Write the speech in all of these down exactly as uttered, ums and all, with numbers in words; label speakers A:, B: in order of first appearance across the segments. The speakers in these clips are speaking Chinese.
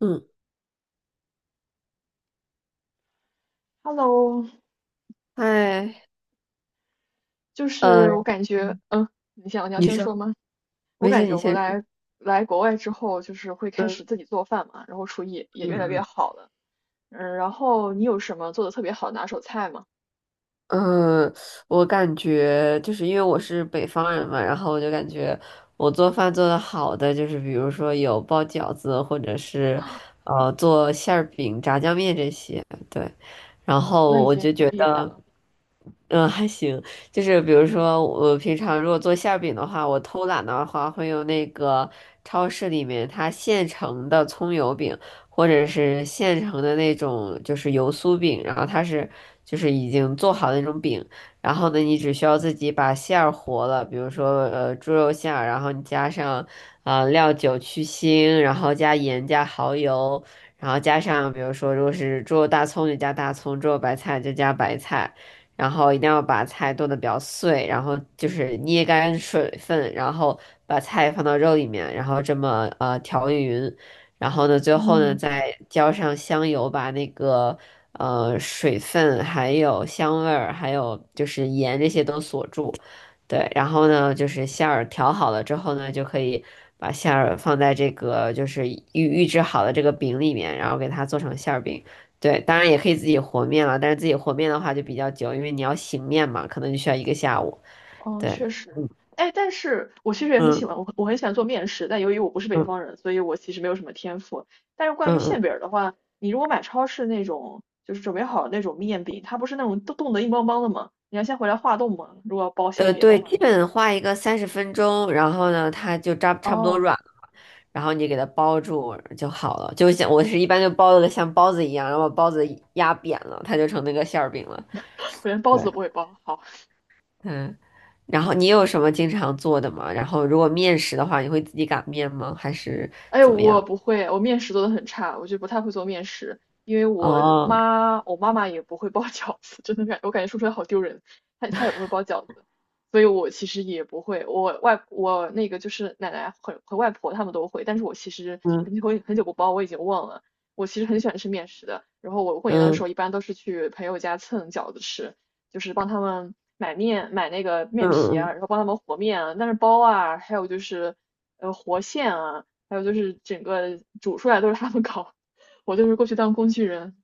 A: 嗯，
B: Hello,
A: 嗨，
B: 就
A: 呃，
B: 是我感觉，嗯，你想你要
A: 你你
B: 先
A: 说，
B: 说
A: 说
B: 吗？我
A: 没事，
B: 感
A: 你
B: 觉我
A: 先说。
B: 来来国外之后，就是会开
A: 嗯
B: 始自己做饭嘛，然后厨艺也越来越
A: 嗯
B: 好了。嗯，然后你有什么做的特别好的拿手菜吗？
A: 嗯，呃我感觉就是因为我是北方人嘛，然后我就感觉我做饭做的好的，就是比如说有包饺子，或者是呃做馅儿饼、炸酱面这些，对。然
B: 那
A: 后
B: 已
A: 我
B: 经
A: 就
B: 很
A: 觉
B: 厉害了。
A: 嗯，还行，就是比如说，我平常如果做馅儿饼的话，我偷懒的话，会用那个超市里面它现成的葱油饼，或者是现成的那种就是油酥饼，然后它是就是已经做好的那种饼，然后呢，你只需要自己把馅儿和了，比如说呃猪肉馅儿，然后你加上啊、呃料酒去腥，然后加盐加蚝油，然后加上比如说如果是猪肉大葱就加大葱，猪肉白菜就加白菜。然后一定要把菜剁得比较碎，然后就是捏干水分，然后把菜放到肉里面，然后这么呃调匀，然后呢，最后呢
B: 嗯。
A: 再浇上香油，把那个呃水分还有香味儿，还有就是盐这些都锁住。对，然后呢，就是馅儿调好了之后呢，就可以把馅儿放在这个就是预预制好的这个饼里面，然后给它做成馅儿饼。对，当然也可以自己和面了，但是自己和面的话就比较久，因为你要醒面嘛，可能就需要一个下午。
B: 哦，
A: 对，
B: 确实。哎，但是我其实也很喜欢，
A: 嗯
B: 我我很喜欢做面食，但由于我不是北
A: 嗯
B: 方人，所以我其实没有什么天赋。但是关
A: 嗯
B: 于馅
A: 嗯，
B: 饼儿的话，你如果买超市那种就是准备好的那种面饼，它不是那种冻冻得硬邦邦的吗？你要先回来化冻吗？如果要包馅
A: 呃，
B: 饼的
A: 对，
B: 话，
A: 基本画一个三十分钟，然后呢，它就扎差不多
B: 哦。
A: 软了，然后你给它包住就好了。就像我是一般就包的像包子一样，然后把包子压扁了，它就成那个馅儿饼了。
B: 我连包
A: 对，
B: 子都不会包，好。
A: 嗯。然后你有什么经常做的吗？然后如果面食的话，你会自己擀面吗？还是
B: 哎，
A: 怎么
B: 我
A: 样？
B: 不会，我面食做的很差，我就不太会做面食，因为我
A: 哦，
B: 妈，我妈妈也不会包饺子，真的感，我感觉说出来好丢人，她她也不会包饺子，所以我其实也不会，我外我那个就是奶奶和和外婆她们都会，但是我其实
A: 嗯
B: 很久很久不包，我已经忘了，我其实很喜欢吃面食的，然后我过年的时
A: 嗯
B: 候一般都是去朋友家蹭饺子吃，就是帮他们买面买那个面
A: 嗯
B: 皮
A: 嗯
B: 啊，
A: 嗯。
B: 然后帮他们和面啊，但是包啊，还有就是。呃，和馅啊，还有就是整个煮出来都是他们搞，我就是过去当工具人。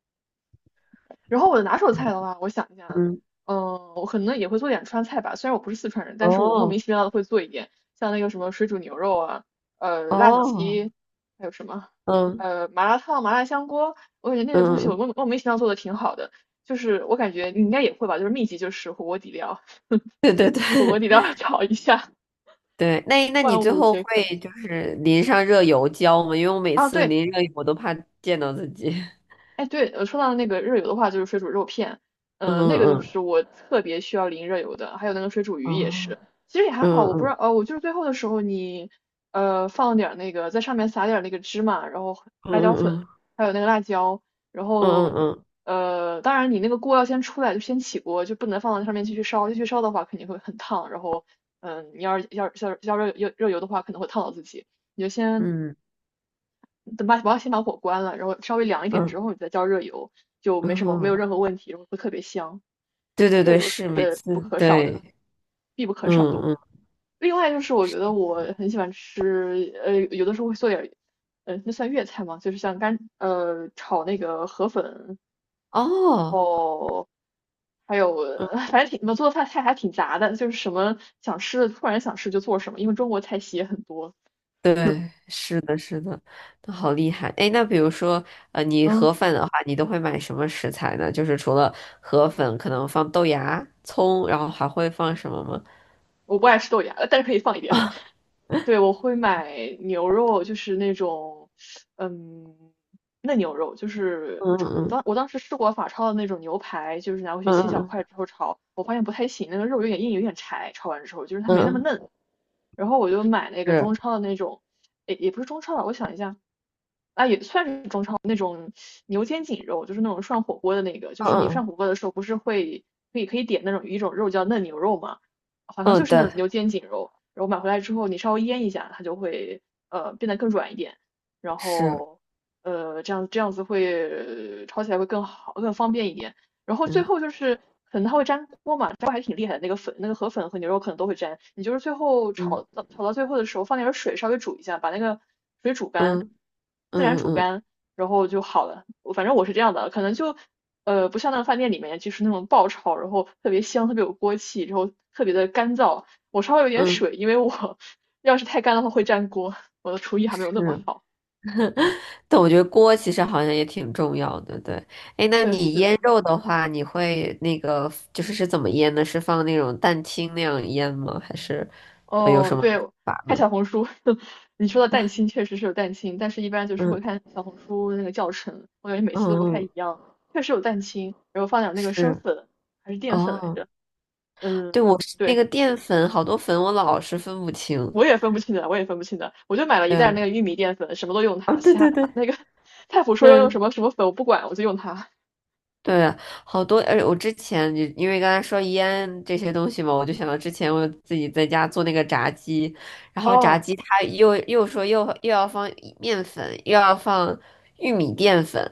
B: 然后我的拿手菜的话，我想一下，
A: 嗯
B: 嗯，我可能也会做点川菜吧，虽然我不是四川人，但是我莫名
A: 哦
B: 其妙的会做一点，像那个什么水煮牛肉啊，呃，辣子
A: 哦，
B: 鸡，还有什么，
A: 嗯
B: 呃，麻辣烫、麻辣香锅，我感觉那个东西我
A: 嗯，
B: 莫莫名其妙做的挺好的，就是我感觉你应该也会吧，就是秘籍就是火锅底料，
A: 对对对
B: 火锅底料 炒一下，
A: 对，那那你
B: 万
A: 最
B: 物
A: 后
B: 皆
A: 会
B: 可。
A: 就是淋上热油浇吗？因为我每
B: 啊，
A: 次
B: 对。
A: 淋热油我都怕溅到自己。
B: 哎，对，呃，说到那个热油的话，就是水煮肉片，
A: 嗯
B: 呃，那个就
A: 嗯
B: 是我特别需要淋热油的，还有那个水煮鱼
A: 嗯，
B: 也
A: 哦，
B: 是，其实也还好，
A: 嗯
B: 我不知
A: 嗯
B: 道，呃，我就是最后的时候你，呃，放点儿那个在上面撒点儿那个芝麻，然后
A: 嗯
B: 辣椒粉，
A: 嗯
B: 还有那个辣椒，然
A: 嗯
B: 后，
A: 嗯
B: 呃，当然你那个锅要先出来，就先起锅，就不能放到上面继续烧，继续烧的话肯定会很烫，然后，嗯、你要是要要要热热热油的话，可能会烫到自己，你就先
A: 嗯
B: 等把我要先把火关了，然后稍微凉一点之
A: 嗯
B: 后，你再浇热油，就没
A: 嗯
B: 什么没有
A: 嗯，
B: 任何问题，然后会特别香。
A: 对
B: 反
A: 对
B: 正热
A: 对，
B: 油是
A: 是每
B: 不
A: 次
B: 可少的，
A: 对，
B: 必不可少
A: 嗯
B: 的。
A: 嗯
B: 另外就是我觉
A: 是，
B: 得我很喜欢吃，呃，有的时候会做点，呃，那算粤菜嘛，就是像干，呃，炒那个河粉，然
A: 哦，
B: 后还有，
A: 嗯
B: 反正挺，我做的菜菜还挺杂的，就是什么想吃的，突然想吃就做什么，因为中国菜系也很多。
A: 对，是的，是的，那好厉害。哎，那比如说，呃，你
B: 嗯，
A: 河粉的话，你都会买什么食材呢？就是除了河粉，可能放豆芽、葱，然后还会放什么吗？
B: 我不爱吃豆芽，呃但是可以放一点。对，我会买牛肉，就是那种，嗯，嫩牛肉，就是
A: 嗯
B: 炒。
A: 嗯
B: 当我当时试过法超的那种牛排，就是拿回去切小
A: 嗯
B: 块之后炒，我发现不太行，那个肉有点硬，有点柴。炒完之后，就是它
A: 嗯
B: 没
A: 嗯，
B: 那么
A: 嗯嗯
B: 嫩。然后我就买那 个中
A: 是，
B: 超的那种，也也不是中超吧，我想一下，啊，也算是中超。牛肩颈肉，就是那种涮火锅的那个，就是你涮
A: 嗯
B: 火锅的时候不是会可以可以点那种一种肉叫嫩牛肉嘛，好像
A: 嗯
B: 就
A: 嗯，
B: 是那
A: 对，
B: 种牛肩颈肉，然后买回来之后你稍微腌一下，它就会呃变得更软一点，然
A: 是，
B: 后呃这样这样子会炒起来会更好更方便一点，然后最
A: 嗯
B: 后就是可能它会粘锅嘛，粘锅还挺厉害的，那个粉那个河粉和牛肉可能都会粘，你就是最后炒
A: 嗯
B: 到炒到最后的时候放点水稍微煮一下，把那个水煮
A: 嗯
B: 干，自然
A: 嗯
B: 煮
A: 嗯
B: 干。然后就好了。反正我是这样的，可能就呃不像那个饭店里面就是那种爆炒，然后特别香，特别有锅气，然后特别的干燥。我稍微有点
A: 嗯嗯，
B: 水，因为我要是太干的话会粘锅，我的厨艺还没有那么
A: 是。
B: 好。
A: 但我觉得锅其实好像也挺重要的，对。哎，那
B: 确
A: 你腌
B: 实，
A: 肉的话，你会那个就是是怎么腌呢？是放那种蛋清那样腌吗？还是呃有
B: 哦，
A: 什么
B: 对，
A: 做法
B: 看
A: 吗？
B: 小红书。你说的蛋清确实是有蛋清，但是一般就是
A: 嗯
B: 会看小红书那个教程，我感觉每次都不太
A: 嗯，
B: 一样。确实有蛋清，然后放点那个生
A: 是
B: 粉还是淀粉来
A: 哦，
B: 着，
A: 对，
B: 嗯，
A: 我是那
B: 对，
A: 个淀粉，好多粉我老是分不清。
B: 我也分不清的，我也分不清的，我就买了一袋
A: 对，
B: 那个玉米淀粉，什么都用
A: 啊，
B: 它，
A: 对
B: 其他
A: 对
B: 它
A: 对
B: 那个菜谱说要用什
A: 对。
B: 么什么粉，我不管，我就用它。
A: 对，好多，而且我之前你因为刚才说腌这些东西嘛，我就想到之前我自己在家做那个炸鸡，然后炸
B: 哦，
A: 鸡它又又说又又要放面粉，又要放玉米淀粉，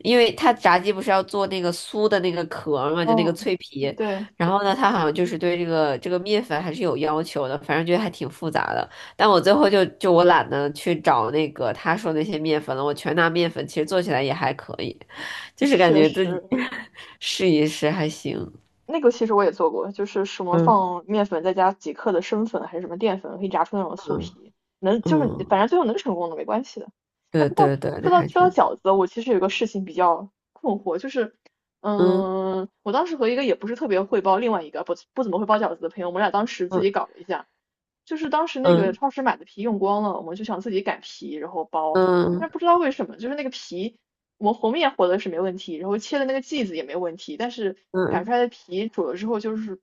A: 因为它炸鸡不是要做那个酥的那个壳儿嘛，就那个
B: 嗯，
A: 脆皮，
B: 对，
A: 然后呢，它好像就是对这个这个面粉还是有要求的，反正觉得还挺复杂的。但我最后就就我懒得去找那个他说那些面粉了，我全拿面粉，其实做起来也还可以。就是感
B: 确
A: 觉自己
B: 实，
A: 试一试还行。
B: 那个其实我也做过，就是什么
A: 嗯
B: 放面粉再加几克的生粉还是什么淀粉，可以炸出那种酥
A: 嗯
B: 皮，能就是反
A: 嗯，
B: 正最后能成功的没关系的。哎，
A: 对
B: 不过
A: 对对，
B: 说
A: 那
B: 到
A: 还
B: 说
A: 挺
B: 到
A: 好。
B: 饺子，我其实有个事情比较困惑，就是
A: 嗯
B: 嗯，我当时和一个也不是特别会包，另外一个不不怎么会包饺子的朋友，我们俩当时自己
A: 嗯
B: 搞了一下，就是当时那个
A: 嗯
B: 超市买的皮用光了，我们就想自己擀皮然后包，
A: 嗯
B: 但是不知道为什么，就是那个皮我们和面和的是没问题，然后切的那个剂子也没问题，但是擀出
A: 嗯，
B: 来的皮煮了之后就是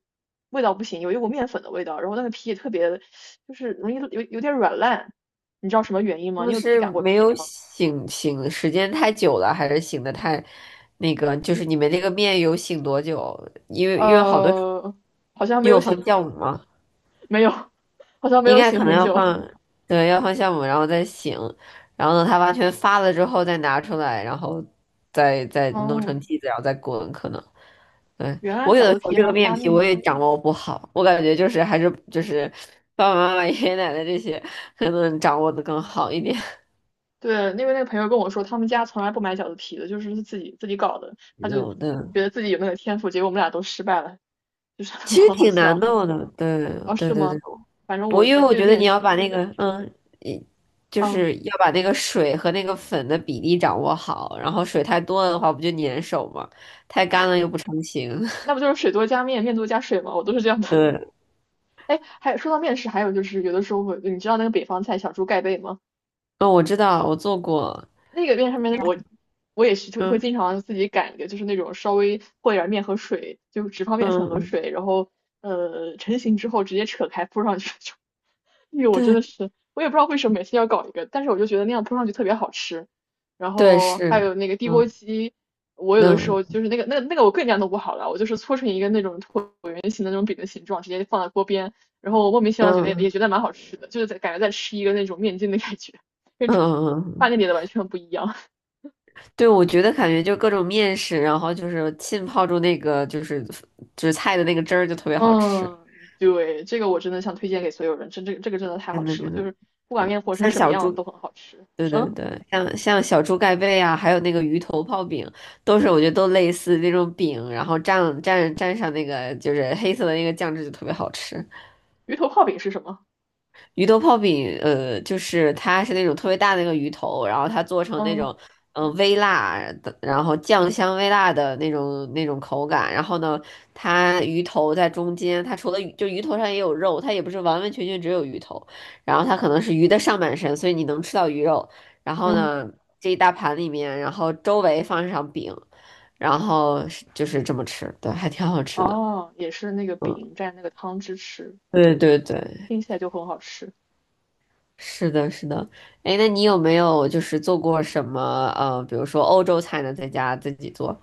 B: 味道不行，有一股面粉的味道，然后那个皮也特别就是容易有有点软烂，你知道什么原因
A: 他
B: 吗？你
A: 们
B: 有自己
A: 是
B: 擀过
A: 没
B: 皮
A: 有
B: 吗？
A: 醒醒时间太久了，还是醒的太那个？就是你们那个面有醒多久？因为因为好多
B: 呃，好像没
A: 你
B: 有
A: 有放
B: 醒，
A: 酵母吗？
B: 没有，好像没
A: 应
B: 有
A: 该
B: 醒
A: 可能
B: 很
A: 要
B: 久。
A: 放，对，要放酵母，然后再醒，然后等它完全发了之后再拿出来，然后再再弄
B: 哦，
A: 成剂子，然后再滚，可能。对，
B: 原来
A: 我有的
B: 饺子
A: 时候
B: 皮
A: 这
B: 还
A: 个
B: 要
A: 面
B: 发
A: 皮
B: 面。
A: 我也掌握不好，我感觉就是还是就是爸爸妈妈、爷爷奶奶这些可能掌握的更好一点。
B: 对，因为那个朋友跟我说，他们家从来不买饺子皮的，就是自己自己搞的。他就觉
A: 有的，
B: 得自己有那个天赋，结果我们俩都失败了，就是
A: 其实
B: 很好
A: 挺难
B: 笑。
A: 弄的。对，
B: 哦，是
A: 对对对，
B: 吗？反正
A: 我
B: 我
A: 因为我
B: 对
A: 觉得
B: 面
A: 你要
B: 食
A: 把
B: 是
A: 那
B: 这
A: 个
B: 样。
A: 嗯，一就
B: 啊，
A: 是要把那个水和那个粉的比例掌握好，然后水太多了的话不就粘手吗？太干了又不成形。
B: 那不就是水多加面，面多加水吗？我都是这样的。
A: 对，
B: 哎，还说到面食，还有就是有的时候会，你知道那个北方菜小猪盖被吗？
A: 嗯，我知道，我做过。
B: 那个面上面我我也是就会
A: 嗯
B: 经常自己擀一个，就是那种稍微和一点面和水，就只放面
A: 嗯
B: 粉和
A: 嗯，
B: 水，然后呃成型之后直接扯开铺上去 就那个我真的
A: 对
B: 是，我也不知道为什么每次要搞一个，但是我就觉得那样铺上去特别好吃。然
A: 对
B: 后还
A: 是，
B: 有那个地锅
A: 嗯
B: 鸡，我有的时候就
A: 嗯
B: 是那个那个那个我更加弄不好了，我就是搓成一个那种椭圆形的那种饼的形状，直接放在锅边，然后我莫名其妙觉得也
A: 嗯。
B: 觉得蛮好吃的，就是在感觉在吃一个那种面筋的感觉，跟
A: 嗯嗯
B: 饭
A: 嗯，
B: 店里的完全不一样。
A: 对，我觉得感觉就各种面食，然后就是浸泡住那个就是就是菜的那个汁儿，就特 别好吃，
B: 嗯，对，这个我真的想推荐给所有人，真这个这个真的太好
A: 真的
B: 吃了，
A: 真
B: 就
A: 的，
B: 是不管
A: 对，
B: 面和成
A: 像
B: 什么
A: 小猪，
B: 样都很好吃。
A: 对对
B: 嗯，
A: 对，像像小猪盖被啊，还有那个鱼头泡饼，都是我觉得都类似那种饼，然后蘸蘸蘸上那个就是黑色的那个酱汁，就特别好吃。
B: 鱼头泡饼是什么？
A: 鱼头泡饼，呃，就是它是那种特别大的那个鱼头，然后它做成那
B: 嗯
A: 种，嗯、微辣的，然后酱香微辣的那种那种口感。然后呢，它鱼头在中间，它除了鱼就鱼头上也有肉，它也不是完完全全只有鱼头。然后它可能是鱼的上半身，所以你能吃到鱼肉。然后
B: 嗯。
A: 呢，这一大盘里面，然后周围放上饼，然后是就是这么吃，对，还挺好吃的。
B: 哦，也是那个
A: 嗯，
B: 饼蘸那个汤汁吃，
A: 对对对。
B: 听起来就很好吃。
A: 是的，是的。哎，那你有没有就是做过什么呃，比如说欧洲菜呢，在家自己做？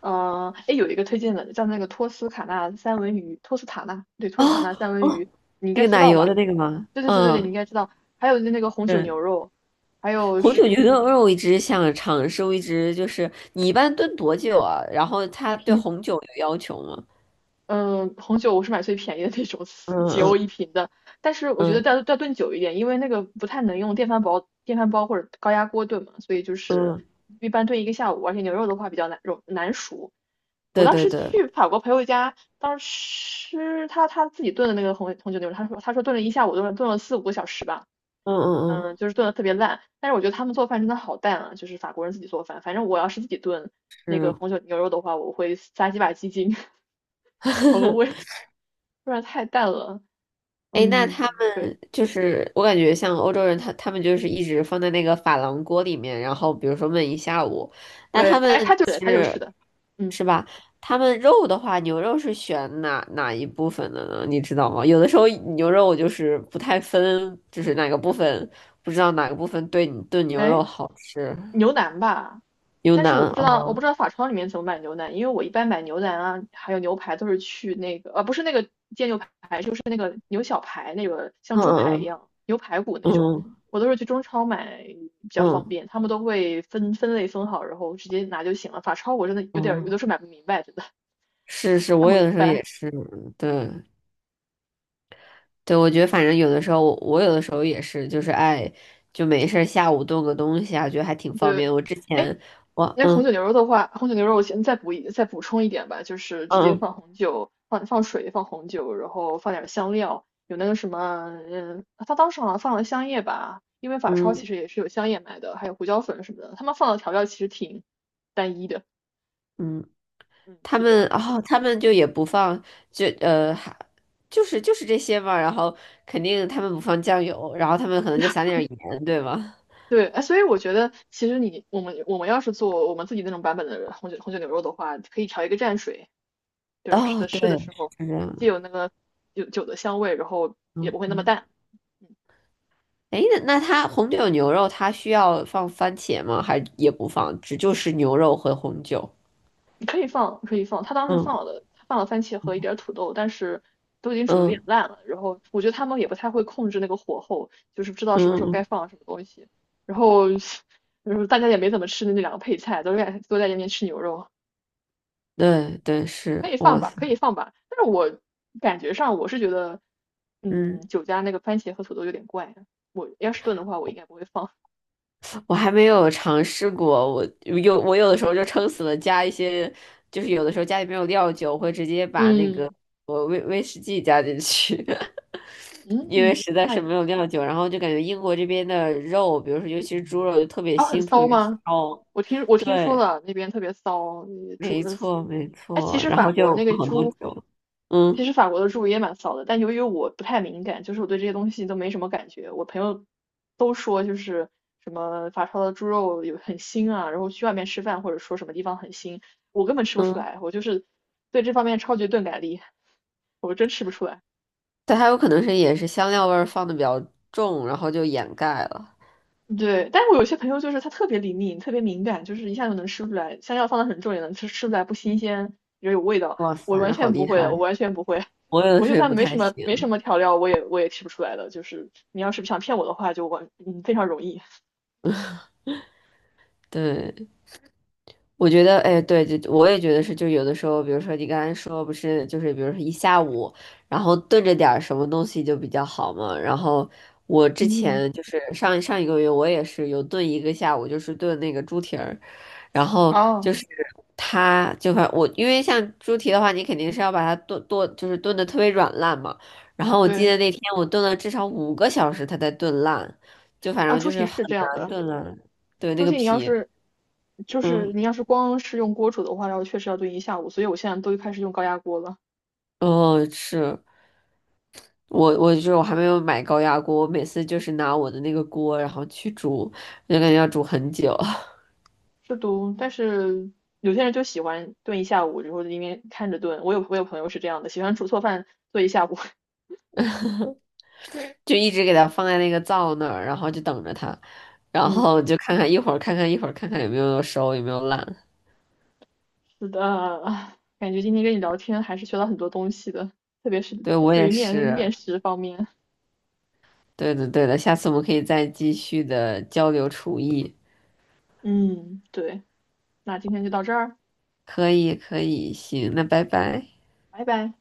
B: 嗯、哎，有一个推荐的叫那个托斯卡纳三文鱼，托斯塔纳，对，托
A: 哦
B: 斯卡纳三文
A: 哦，
B: 鱼，你应
A: 那
B: 该
A: 个
B: 知
A: 奶
B: 道
A: 油的
B: 吧？
A: 那个吗？
B: 对对对对，对，你
A: 嗯，
B: 应该知道。还有那个红酒牛
A: 嗯，
B: 肉，还有
A: 红
B: 是
A: 酒牛肉我一直想尝试，我一直就是你一般炖多久啊？然后他对
B: 瓶，
A: 红酒有要求吗？
B: 嗯、红酒我是买最便宜的那种，
A: 嗯
B: 几欧
A: 嗯
B: 一瓶的。但是我觉得要
A: 嗯
B: 要炖久一点，因为那个不太能用电饭煲、电饭煲或者高压锅炖嘛，所以就是
A: 嗯，
B: 一般炖一个下午，而且牛肉的话比较难容难熟。我
A: 对
B: 当
A: 对
B: 时
A: 对，
B: 去法国朋友家，当时吃他他自己炖的那个红红酒牛肉，他说他说炖了一下午，炖了炖了四五个小时吧，
A: 嗯嗯
B: 嗯，
A: 嗯，
B: 就是炖的特别烂。但是我觉得他们做饭真的好淡啊，就是法国人自己做饭。反正我要是自己炖那个
A: 是。
B: 红酒牛肉的话，我会撒几把鸡精 调个味，不然太淡了。
A: 哎，那他
B: 嗯，对
A: 就是我感觉像欧洲人他，他们就是一直放在那个珐琅锅里面，然后比如说焖一下午。那
B: 对，
A: 他们
B: 哎，他
A: 就
B: 就对，他就是
A: 是
B: 的，嗯，
A: 是吧？他们肉的话，牛肉是选哪哪一部分的呢？你知道吗？有的时候牛肉我就是不太分，就是哪个部分不知道哪个部分对你炖牛肉
B: 哎，
A: 好吃。
B: 牛腩吧，
A: 牛
B: 但是我
A: 腩
B: 不知道，我
A: 哦，
B: 不知道法超里面怎么买牛腩，因为我一般买牛腩啊，还有牛排都是去那个，呃，啊不是那个煎牛排，就是那个牛小排，那个像
A: 嗯
B: 猪排一样，牛排骨
A: 嗯
B: 那种，
A: 嗯
B: 我都是去中超买比较
A: 嗯
B: 方
A: 嗯
B: 便，他们都会分分类分好，然后直接拿就行了。法超我真的有点有的
A: 哦，
B: 时候买不明白，真的
A: 是是，
B: 看
A: 我
B: 不
A: 有的
B: 明
A: 时候也
B: 白。
A: 是，对。对，我觉得反正有的时候，我有的时候也是，就是爱就没事儿下午炖个东西啊，觉得还挺方
B: 对，
A: 便。我之
B: 哎，
A: 前我
B: 那红
A: 嗯
B: 酒牛肉的话，红酒牛肉我先再补一再补充一点吧，就是直接
A: 嗯
B: 放红酒，放放水，放红酒，然后放点香料，有那个什么，嗯，他当时好像放了香叶吧，因为法超其
A: 嗯
B: 实也是有香叶买的，还有胡椒粉什么的，他们放的调料其实挺单一的，
A: 嗯，
B: 嗯，
A: 他
B: 是这
A: 们
B: 样。
A: 哦，他们就也不放，就呃还就是就是这些嘛，然后肯定他们不放酱油，然后他们可能就撒点儿盐，对吗？
B: 对，哎，所以我觉得其实你我们我们要是做我们自己那种版本的红酒红酒牛肉的话，可以调一个蘸水，就是吃
A: 哦，
B: 的
A: 对，
B: 吃的时
A: 是
B: 候，
A: 这样
B: 既
A: 的，
B: 有那个有酒的香味，然后也
A: 嗯
B: 不会那么
A: 嗯。
B: 淡。嗯，
A: 哎，那那它红酒牛肉它需要放番茄吗？还也不放，只就是牛肉和红酒。
B: 你可以放，可以放。他当时
A: 嗯
B: 放了，他放了番茄和一点儿土豆，但是都已经煮的有点
A: 嗯
B: 烂了。然后我觉得他们也不太会控制那个火候，就是不知道什么时候该
A: 嗯
B: 放什么东西。然后，然后大家也没怎么吃那两个配菜，都在都在那边吃牛肉。
A: 对对，是，
B: 可以放
A: 哇
B: 吧，
A: 塞，
B: 可以放吧。但是我感觉上我是觉得，嗯，
A: 嗯，
B: 酒家那个番茄和土豆有点怪啊。我要是炖的话，我应该不会放。
A: 我还没有尝试过，我有我有的时候就撑死了加一些，就是有的时候家里没有料酒，我会直接 把那个
B: 嗯
A: 我威威士忌加进去，因为
B: 嗯，
A: 实在
B: 那
A: 是
B: 也
A: 没
B: 不
A: 有
B: 错。
A: 料酒，然后就感觉英国这边的肉，比如说尤其是猪肉，就特别
B: 啊，很
A: 腥，特
B: 骚
A: 别
B: 吗？
A: 骚。
B: 我听我听说
A: 对，
B: 了，那边特别骚，你煮
A: 没
B: 着骚。
A: 错没
B: 哎，其
A: 错，
B: 实
A: 然
B: 法
A: 后就
B: 国那个
A: 很多
B: 猪，
A: 酒，
B: 其
A: 嗯
B: 实法国的猪也蛮骚的，但由于我不太敏感，就是我对这些东西都没什么感觉。我朋友都说，就是什么法超的猪肉有很腥啊，然后去外面吃饭或者说什么地方很腥，我根本吃不出
A: 嗯，
B: 来，我就是对这方面超级钝感力，我真吃不出来。
A: 但它有可能是也是香料味儿放的比较重，然后就掩盖了。
B: 对，但是我有些朋友就是他特别灵敏，特别敏感，就是一下就能吃出来，香料放的很重也能吃吃出来不新鲜，也有味道。
A: 哇
B: 我完
A: 塞，好
B: 全不
A: 厉
B: 会的，
A: 害！
B: 我完全不会。
A: 我有的
B: 我
A: 时
B: 就
A: 候也
B: 算
A: 不
B: 没
A: 太
B: 什么没什
A: 行，
B: 么调料，我也我也吃不出来的。就是你要是想骗我的话，就完，嗯，非常容易。
A: 对，我觉得，哎，对，就我也觉得是，就有的时候，比如说你刚才说不是，就是比如说一下午，然后炖着点儿什么东西就比较好嘛。然后我之
B: 嗯，
A: 前就是上上一个月，我也是有炖一个下午，就是炖那个猪蹄儿，然后
B: 哦，
A: 就是它就反我，因为像猪蹄的话，你肯定是要把它炖炖，就是炖的特别软烂嘛。然后我记
B: 对，
A: 得那天我炖了至少五个小时，它才炖烂，就反
B: 啊，
A: 正
B: 猪
A: 就
B: 蹄
A: 是很
B: 是这样
A: 难
B: 的，
A: 炖烂。对，那
B: 猪
A: 个
B: 蹄你要
A: 皮，
B: 是就是
A: 嗯，
B: 你要是光是用锅煮的话，然后确实要炖一下午，所以我现在都开始用高压锅了。
A: 哦，是我，我就是我还没有买高压锅，我每次就是拿我的那个锅，然后去煮，就感觉要煮很久，
B: 是读，但是有些人就喜欢炖一下午，然后在那边看着炖。我有我有朋友是这样的，喜欢煮错饭做一下午。
A: 就一直给它放在那个灶那儿，然后就等着它，然后
B: 嗯，
A: 就看看一会儿，看看一会儿，看看有没有熟，有没有烂。
B: 是的，感觉今天跟你聊天还是学到很多东西的，特别是
A: 对，我
B: 对
A: 也
B: 于面面
A: 是。
B: 食方面。
A: 对的，对的，下次我们可以再继续的交流厨艺。
B: 嗯，对，那今天就到这儿，
A: 可以，可以，行，那拜拜。
B: 拜拜。